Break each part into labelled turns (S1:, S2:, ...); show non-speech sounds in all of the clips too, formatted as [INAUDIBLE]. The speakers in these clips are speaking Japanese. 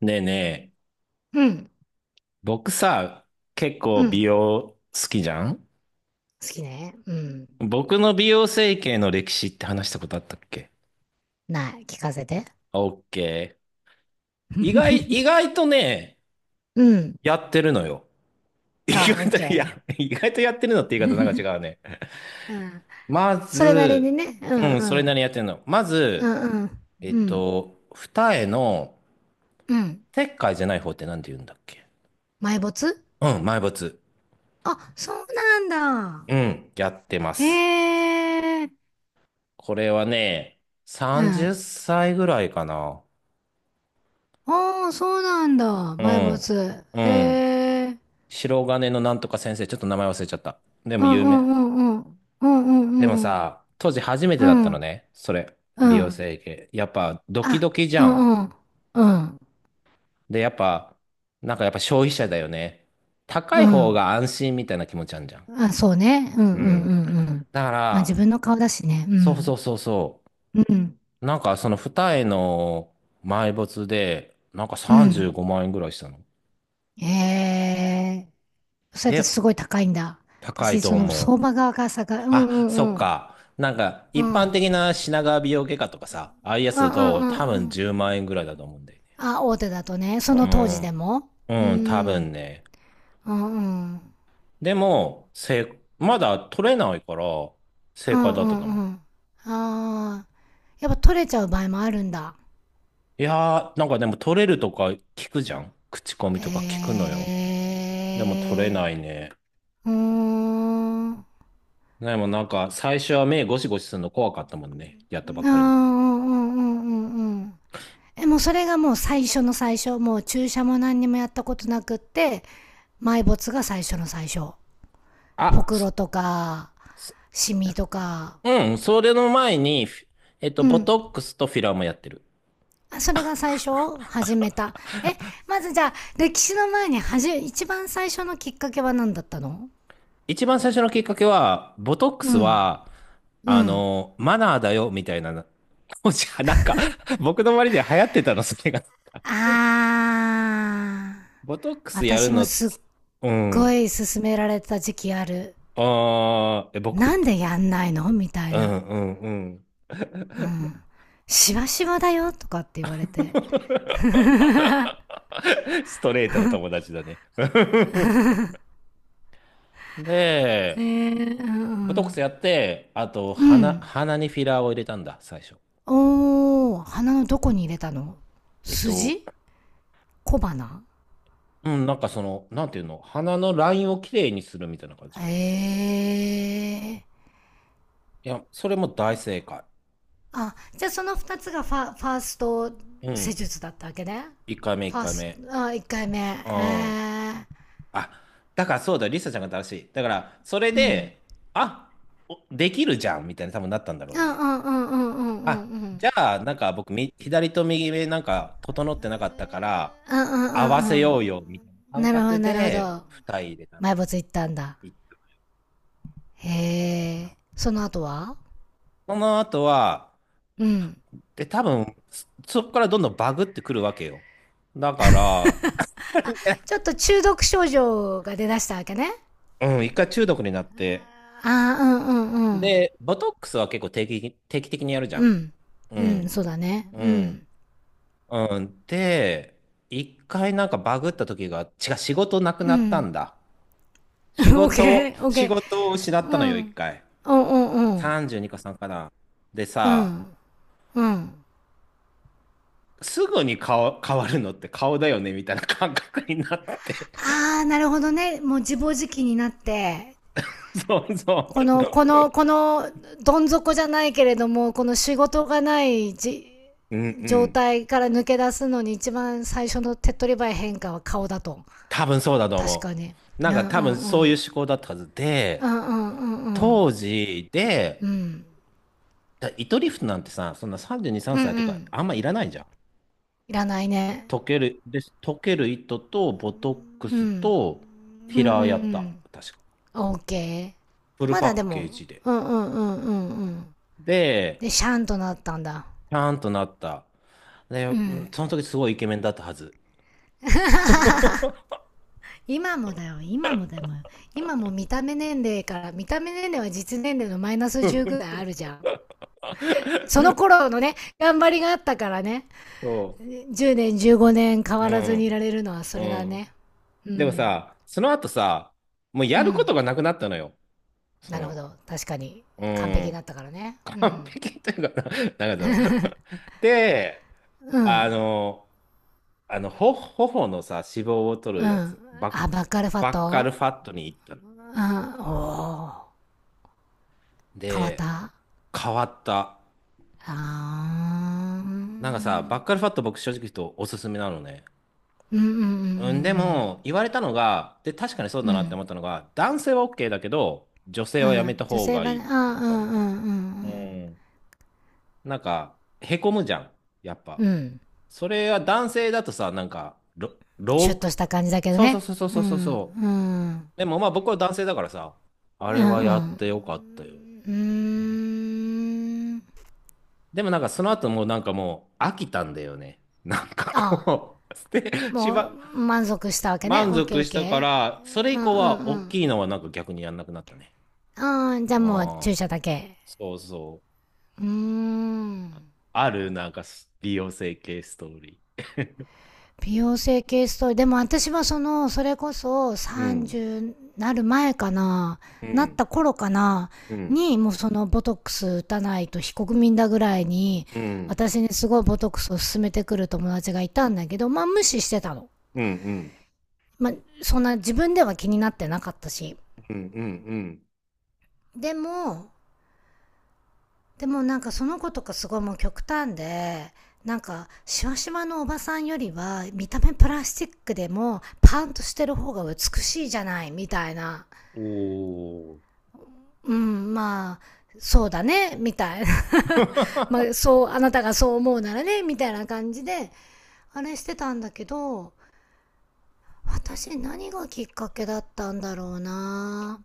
S1: ねえねえ、
S2: うん、
S1: 僕さ、結
S2: う
S1: 構美
S2: ん。
S1: 容好きじゃん。
S2: 好きね。うん。
S1: 僕の美容整形の歴史って話したことあったっけ？
S2: ない。聞かせて。
S1: オッケー。意外、意
S2: [LAUGHS]
S1: 外とね、
S2: うん。
S1: やってるのよ。[LAUGHS] 意
S2: あ、オ
S1: 外
S2: ッ
S1: と、いや、
S2: ケ
S1: 意外とやってるのっ
S2: ー。
S1: て言い方なんか違
S2: [LAUGHS]
S1: うね。
S2: うん。
S1: ま
S2: それなりに
S1: ず、
S2: ね。う
S1: う
S2: ん
S1: ん、
S2: う
S1: それなり
S2: ん。
S1: にやってるの。ま
S2: う
S1: ず、
S2: んうん。うん。
S1: 二重の
S2: うん。
S1: 切開じゃない方ってなんて言うんだっけ？
S2: 埋没。
S1: うん、埋没。
S2: あ、そうなん
S1: う
S2: だ。
S1: ん、やってます。
S2: ええ。
S1: これはね、
S2: う
S1: 30
S2: ん。
S1: 歳ぐらいかな。
S2: ああ、そうなんだ。
S1: う
S2: 埋
S1: ん。
S2: 没。
S1: う
S2: え
S1: ん。
S2: え。
S1: 白金のなんとか先生、ちょっと名前忘れちゃった。で
S2: う
S1: も
S2: ん
S1: 有
S2: うん
S1: 名。
S2: うんうん。うん
S1: で
S2: う
S1: も
S2: んうん。
S1: さ、当時初めて
S2: う
S1: だったの
S2: ん。
S1: ね。それ。美
S2: う
S1: 容
S2: ん。
S1: 整形。やっぱドキ
S2: あ、
S1: ドキじ
S2: う
S1: ゃん。
S2: んうん。うん。
S1: で、やっぱ、なんかやっぱ消費者だよね。高
S2: う
S1: い方
S2: ん。
S1: が安心みたいな気持ちあんじゃん。
S2: あ、そうね。うん
S1: う
S2: うん
S1: ん。
S2: うんうん。
S1: だか
S2: まあ自
S1: ら、
S2: 分の顔だしね。う
S1: そうそう
S2: ん。
S1: そうそ
S2: うん。
S1: う。なんかその二重の埋没で、なんか
S2: う
S1: 35
S2: ん。
S1: 万円ぐらいしたの。
S2: ええー、それって
S1: で、
S2: すごい高いんだ。
S1: 高い
S2: 私、
S1: と
S2: その相
S1: 思
S2: 場
S1: う。
S2: 側がさが、うん
S1: あ、
S2: う
S1: そっ
S2: んうん。
S1: か。なんか、
S2: う
S1: 一
S2: ん。う
S1: 般
S2: ん
S1: 的な品川美容外科とかさ、ああいう
S2: う
S1: や
S2: ん
S1: つだ
S2: うん
S1: と
S2: う
S1: 多分10万円
S2: ん。
S1: ぐらいだと思うんだよね。
S2: あ、大手だとね。その当時でも。
S1: う
S2: う
S1: ん。うん、多分
S2: ん。
S1: ね。
S2: うんうん。
S1: でも、まだ取れないから、
S2: う
S1: 正解
S2: ん
S1: だっ
S2: う
S1: たと
S2: ん
S1: 思
S2: う
S1: う。
S2: ん。ああ。やっぱ取れちゃう場合もあるんだ。
S1: いやー、なんかでも取れるとか聞くじゃん。口コミとか聞く
S2: え
S1: のよ。でも取れ
S2: え
S1: ないね。
S2: ー、うーん。
S1: でもなんか、最初は目ゴシゴシするの怖かったもんね。やっ
S2: ああ、
S1: たばっ
S2: うんう
S1: かりの。
S2: んうんうんうん。もうそれがもう最初の最初、もう注射も何にもやったことなくって、埋没が最初の最初。ほ
S1: あ、
S2: くろとか
S1: す
S2: シミとか。
S1: うん、それの前に、
S2: う
S1: ボ
S2: ん、
S1: トックスとフィラーもやってる。
S2: それが最初、始めた。えまず、じゃあ歴史の前に、一番最初のきっかけは何だったの？
S1: 一番最初のきっかけは、ボトック
S2: う
S1: ス
S2: ん
S1: は、
S2: うん。
S1: マナーだよ、みたいな。[LAUGHS] 当時はなんか、僕の周りで流行ってたの、それが。[LAUGHS]
S2: あー、
S1: ボトックスやる
S2: 私も
S1: の
S2: すっ
S1: つ、う
S2: ご
S1: ん。
S2: い勧められた時期ある。
S1: ああ、え、
S2: な
S1: 僕、
S2: んでやんないの、みたい
S1: うん
S2: な。
S1: うんうん。
S2: うん、しわしわだよとかって言われて。
S1: [LAUGHS] ストレートの友達だね。[LAUGHS]
S2: へ
S1: で、
S2: え。う
S1: ボトックスや
S2: ん
S1: って、あと、
S2: うん。う
S1: 鼻、
S2: ん。
S1: 鼻にフィラーを入れたんだ、最初。
S2: おー、鼻のどこに入れたの？
S1: えっと、
S2: 筋、小鼻。
S1: うん、なんかその、なんていうの、鼻のラインをきれいにするみたいな感じ。
S2: ええー。
S1: いや、それも大正解。
S2: あ、じゃあその二つがファ、ファースト
S1: う
S2: 施
S1: ん。
S2: 術だったわけね。
S1: 1回目、
S2: フ
S1: 1
S2: ァー
S1: 回
S2: スト、
S1: 目。
S2: あ、一回目。へ
S1: うん。
S2: え。
S1: あ、だからそうだ、リサちゃんが正しい。だから、それ
S2: うん。
S1: で、あ、おできるじゃんみたいな、多分なったんだろ
S2: う
S1: う
S2: ん
S1: ね。
S2: うんうんうんうんう
S1: あ、
S2: んう
S1: じ
S2: ん。
S1: ゃあ、なんか僕、左と右目なんか整ってなかったから、
S2: うんうんう
S1: 合わせ
S2: んうん。
S1: ようよ、みたいな感
S2: なるほど
S1: 覚
S2: なるほ
S1: で、
S2: ど。
S1: 二重入れたの。
S2: 埋没行ったんだ。
S1: いいか
S2: へ
S1: な。
S2: え。その後は？
S1: その後は、
S2: うん。
S1: で、多分、そこからどんどんバグってくるわけよ。だから、
S2: ちょっ
S1: [LAUGHS]
S2: と中毒症状が出だしたわけね。
S1: うん、一回中毒になって。
S2: ああ、うんうんうん。
S1: で、ボトックスは結構定期的にやるじゃ
S2: う
S1: ん。
S2: ん。
S1: う
S2: うん、
S1: ん。
S2: そうだね。
S1: う
S2: う
S1: ん。
S2: ん。
S1: うん。で、一回なんかバグった時が、違う、仕事なく
S2: う
S1: なった
S2: ん。
S1: んだ。
S2: [LAUGHS] オ
S1: 仕
S2: ッ
S1: 事
S2: ケ
S1: を、
S2: ー、オッ
S1: 仕
S2: ケ
S1: 事を失
S2: ー。
S1: っ
S2: う
S1: たの
S2: ん。う
S1: よ、一
S2: ん
S1: 回。
S2: うんうん。
S1: 32個さんかな。で
S2: う
S1: さ、
S2: ん。うん。
S1: すぐに顔、変わるのって顔だよね、みたいな感覚になって。
S2: ああ、なるほどね。もう自暴自棄になって、
S1: [LAUGHS] そうそ
S2: この、こ
S1: う。
S2: の、この、どん底じゃないけれども、この仕事がないじ、
S1: うんう
S2: 状
S1: ん。
S2: 態から抜け出すのに一番最初の手っ取り早い変化は顔だと。
S1: 多分そうだと
S2: 確
S1: 思
S2: かに。
S1: う。
S2: う
S1: な
S2: ん
S1: ん
S2: う
S1: か
S2: ん
S1: 多分
S2: う
S1: そういう
S2: ん。
S1: 思考だったはず
S2: うん
S1: で、
S2: うんうんうん。
S1: 当時
S2: う
S1: で、
S2: ん。
S1: 糸リフトなんてさ、そんな32、3
S2: うん
S1: 歳と
S2: う
S1: か
S2: ん。
S1: あんまいらないじゃん。
S2: いらないね。
S1: 溶ける糸とボトック
S2: うん。
S1: ス
S2: うん
S1: と
S2: うんう
S1: 平やった。
S2: ん。
S1: 確か。
S2: オーケー。
S1: フル
S2: まだで
S1: パッケー
S2: も、
S1: ジで。
S2: うんうんうんうんうん。
S1: で、
S2: で、シャンとなったんだ。
S1: ちゃんとなった。で、
S2: う
S1: うん
S2: ん。
S1: その時すごいイケメンだったはず。
S2: 今もだよ、今もだよ。今も見た目年齢から、見た目年齢は実年齢のマイナス10ぐらいあるじゃん。その
S1: [LAUGHS]
S2: 頃のね、頑張りがあったからね、
S1: そ
S2: 10年、15年変
S1: う。う
S2: わらずにいら
S1: ん。
S2: れるのはそ
S1: う
S2: れだ
S1: ん。
S2: ね。う
S1: でも
S2: ん。
S1: さ、その後さ、もう
S2: う
S1: やるこ
S2: ん。
S1: とがなくなったのよ。そ
S2: なるほ
S1: の、
S2: ど。確かに。
S1: う
S2: 完璧だ
S1: ん。
S2: ったからね。う
S1: 完
S2: ん。
S1: 璧というかな、なんかその [LAUGHS] で、
S2: う
S1: あ
S2: ん。
S1: の、頬のさ、脂肪を取
S2: う
S1: るや
S2: ん。
S1: つ、
S2: アバカルファ
S1: バッカ
S2: ト。
S1: ルファットに行ったの。
S2: あー、おー、変わっ
S1: で、
S2: た。あ
S1: 変わった。
S2: あ。う
S1: なんかさ、バッ
S2: ん
S1: カルファット僕正直言うとおすすめなのね。
S2: うんう
S1: うん、で
S2: ん
S1: も、言われたのが、で、確かにそう
S2: う
S1: だ
S2: んう
S1: なって
S2: ん。
S1: 思ったのが、男性は OK だけど、女性
S2: う
S1: はや
S2: ん。う
S1: めた
S2: ん。女
S1: 方
S2: 性
S1: が
S2: は
S1: いいっ
S2: ね、あー、う
S1: て言
S2: んう
S1: われ
S2: ん
S1: た。
S2: う
S1: う
S2: ん
S1: ん。なんか、へこむじゃん。やっ
S2: う
S1: ぱ。
S2: ん。うん。
S1: それは男性だとさ、なんか、
S2: シュッとした感じだけど
S1: そうそう
S2: ね。
S1: そうそう
S2: う
S1: そうそう
S2: ん。
S1: そ
S2: うん。
S1: う。でもまあ僕は男性だからさ、あ
S2: う
S1: れ
S2: ん
S1: は
S2: う
S1: やっ
S2: ん。
S1: てよかったよ。
S2: うーん。
S1: でもなんかその後もうなんかもう飽きたんだよね。なんか
S2: あ
S1: こう、捨て、
S2: ー、
S1: し
S2: もう、
S1: ば、
S2: 満足したわけね。
S1: 満
S2: オッケー
S1: 足
S2: オッ
S1: した
S2: ケ
S1: か
S2: ー。
S1: ら、それ
S2: う
S1: 以
S2: ん
S1: 降
S2: うん
S1: は
S2: う
S1: 大
S2: ん。
S1: きいのはなんか逆にやんなくなったね。
S2: ああ、じゃあもう
S1: あ
S2: 注
S1: あ、
S2: 射だけ。
S1: そうそう。
S2: うーん。
S1: あるなんか美容整形ストーリー。
S2: 美容整形ストーリー。でも私はその、それこそ
S1: [LAUGHS] うん、
S2: 30なる前かな、
S1: う
S2: なっ
S1: ん、
S2: た頃かな、
S1: うん、
S2: に、もうそのボトックス打たないと非国民だぐらいに、
S1: うん、
S2: 私にすごいボトックスを勧めてくる友達がいたんだけど、まあ無視してたの。
S1: うん、うん、
S2: まあ、そんな自分では気になってなかったし。
S1: うん、うん。うん。
S2: でも、でもなんかその子とかすごいもう極端で、なんか、シワシワのおばさんよりは、見た目プラスチックでも、パンとしてる方が美しいじゃない、みたいな。
S1: おー。
S2: うん、まあ、そうだね、みたいな。 [LAUGHS]。ま
S1: [LAUGHS] あ
S2: あ、そう、あなたがそう思うならね、みたいな感じで、あれしてたんだけど、私何がきっかけだったんだろうな。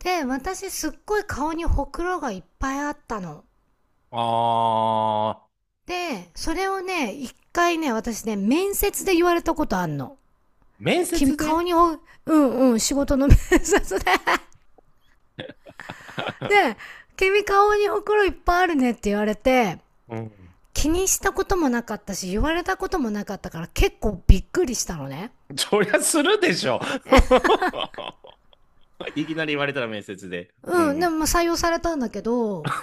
S2: で、私すっごい顔にほくろがいっぱいあったの。
S1: あ、
S2: で、それをね、一回ね、私ね、面接で言われたことあんの。
S1: 面
S2: 君
S1: 接で？
S2: 顔にお、うんうん、仕事の面接で。[LAUGHS] で、君顔におくろいっぱいあるねって言われて、
S1: うん。
S2: 気にしたこともなかったし、言われたこともなかったから結構びっくりしたのね。
S1: [LAUGHS] そりゃするでしょ。[LAUGHS] いきなり言われたら面接で。う
S2: うん、で
S1: ん。
S2: もまあ採用されたんだけど、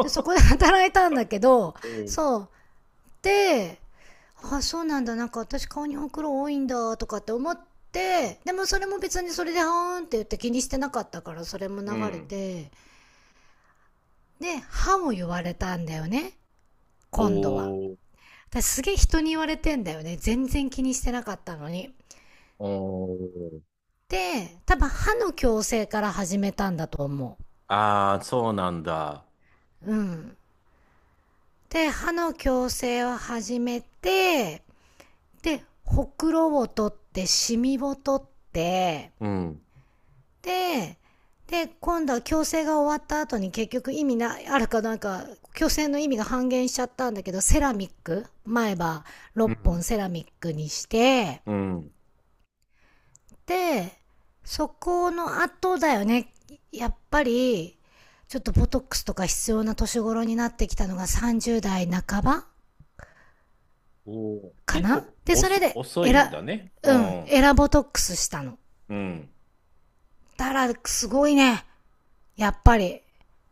S2: で、そこで 働いたんだけど、
S1: うん。
S2: そう。で、あ、そうなんだ、なんか私顔にほくろ多いんだとかって思って、でもそれも別にそれで、はーんって言って気にしてなかったから、それも
S1: う
S2: 流れ
S1: ん。
S2: て、で歯も言われたんだよね、今度は。
S1: おー。
S2: 私すげえ人に言われてんだよね、全然気にしてなかったのに。
S1: おー。
S2: で多分歯の矯正から始めたんだと思
S1: ああ、そうなんだ。
S2: う。うん、で歯の矯正を始めて、でほくろを取ってシミを取って、
S1: うん。
S2: で、で、今度は矯正が終わった後に結局意味な、あるかなんか、矯正の意味が半減しちゃったんだけど、セラミック、前歯
S1: う
S2: 6本
S1: ん。
S2: セラミックにして、
S1: うん。
S2: で、そこの後だよね。やっぱり、ちょっとボトックスとか必要な年頃になってきたのが30代半ば
S1: おー。
S2: か
S1: 結
S2: な、
S1: 構
S2: で、それで、
S1: 遅
S2: エ
S1: いんだ
S2: ラ、
S1: ね。う
S2: うん、
S1: ん。
S2: エラボトックスしたの。
S1: うん。
S2: だから、すごいね。やっぱり。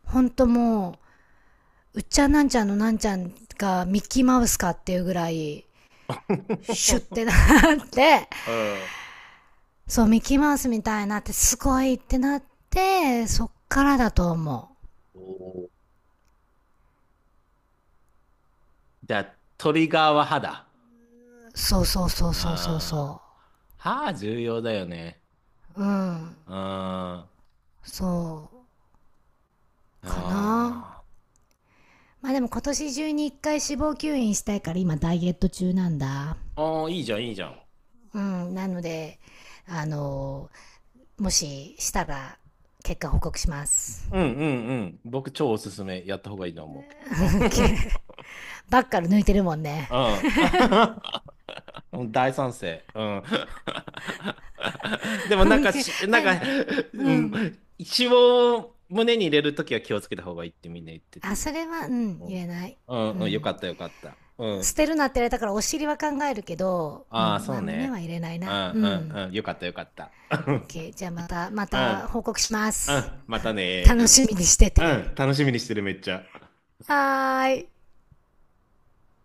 S2: ほんともう、うっちゃんなんちゃんのなんちゃんがミッキーマウスかっていうぐらい、シュッてな
S1: [LAUGHS]
S2: って、
S1: うん。
S2: [LAUGHS] そう、ミッキーマウスみたいになって、すごいってなって、そっからだと思
S1: おー。じゃあ、トリガーは歯だ。
S2: う。そうそうそうそうそう
S1: ああ、
S2: そ
S1: 歯重要だよね。
S2: う。うん。
S1: あ
S2: そう。
S1: ー、
S2: かな。
S1: あ
S2: まあでも今年中に一回脂肪吸引したいから今ダイエット中なんだ。
S1: ー。ああ、いいじゃん、いいじゃん。
S2: うん。なので、あのもししたら結果報告します。
S1: うんうんうん。僕、超おすすめ。やった方がいいと思
S2: [LAUGHS] オ
S1: う。
S2: ッケー。
S1: [LAUGHS]
S2: ばっかり抜いてるもんね。
S1: うん。[LAUGHS] 大賛成。うん。[LAUGHS] でも
S2: [LAUGHS] オ
S1: なん
S2: ッ
S1: か
S2: ケー。[LAUGHS]
S1: なん
S2: は
S1: か、
S2: い。う
S1: うん、
S2: ん。
S1: 一応胸に入れるときは気をつけた方がいいってみんな言ってて。
S2: あ、それは、うん、
S1: う
S2: 言え
S1: ん。
S2: ない。
S1: うん、
S2: う
S1: うん、よか
S2: ん。
S1: ったよかった。う
S2: 捨
S1: ん。
S2: てるなって言われたからお尻は考えるけど、う
S1: ああ、
S2: ん、
S1: そ
S2: ま
S1: う
S2: あ胸
S1: ね。
S2: は入れない
S1: うんう
S2: な。うん。
S1: んうん。よかったよかった。
S2: OK。
S1: [LAUGHS]
S2: じゃあまた、ま
S1: うん。う
S2: た報告しま
S1: ん。う
S2: す。
S1: ん、またね。
S2: 楽しみにして
S1: う
S2: て。
S1: ん、楽しみにしてるめっちゃ。
S2: はーい。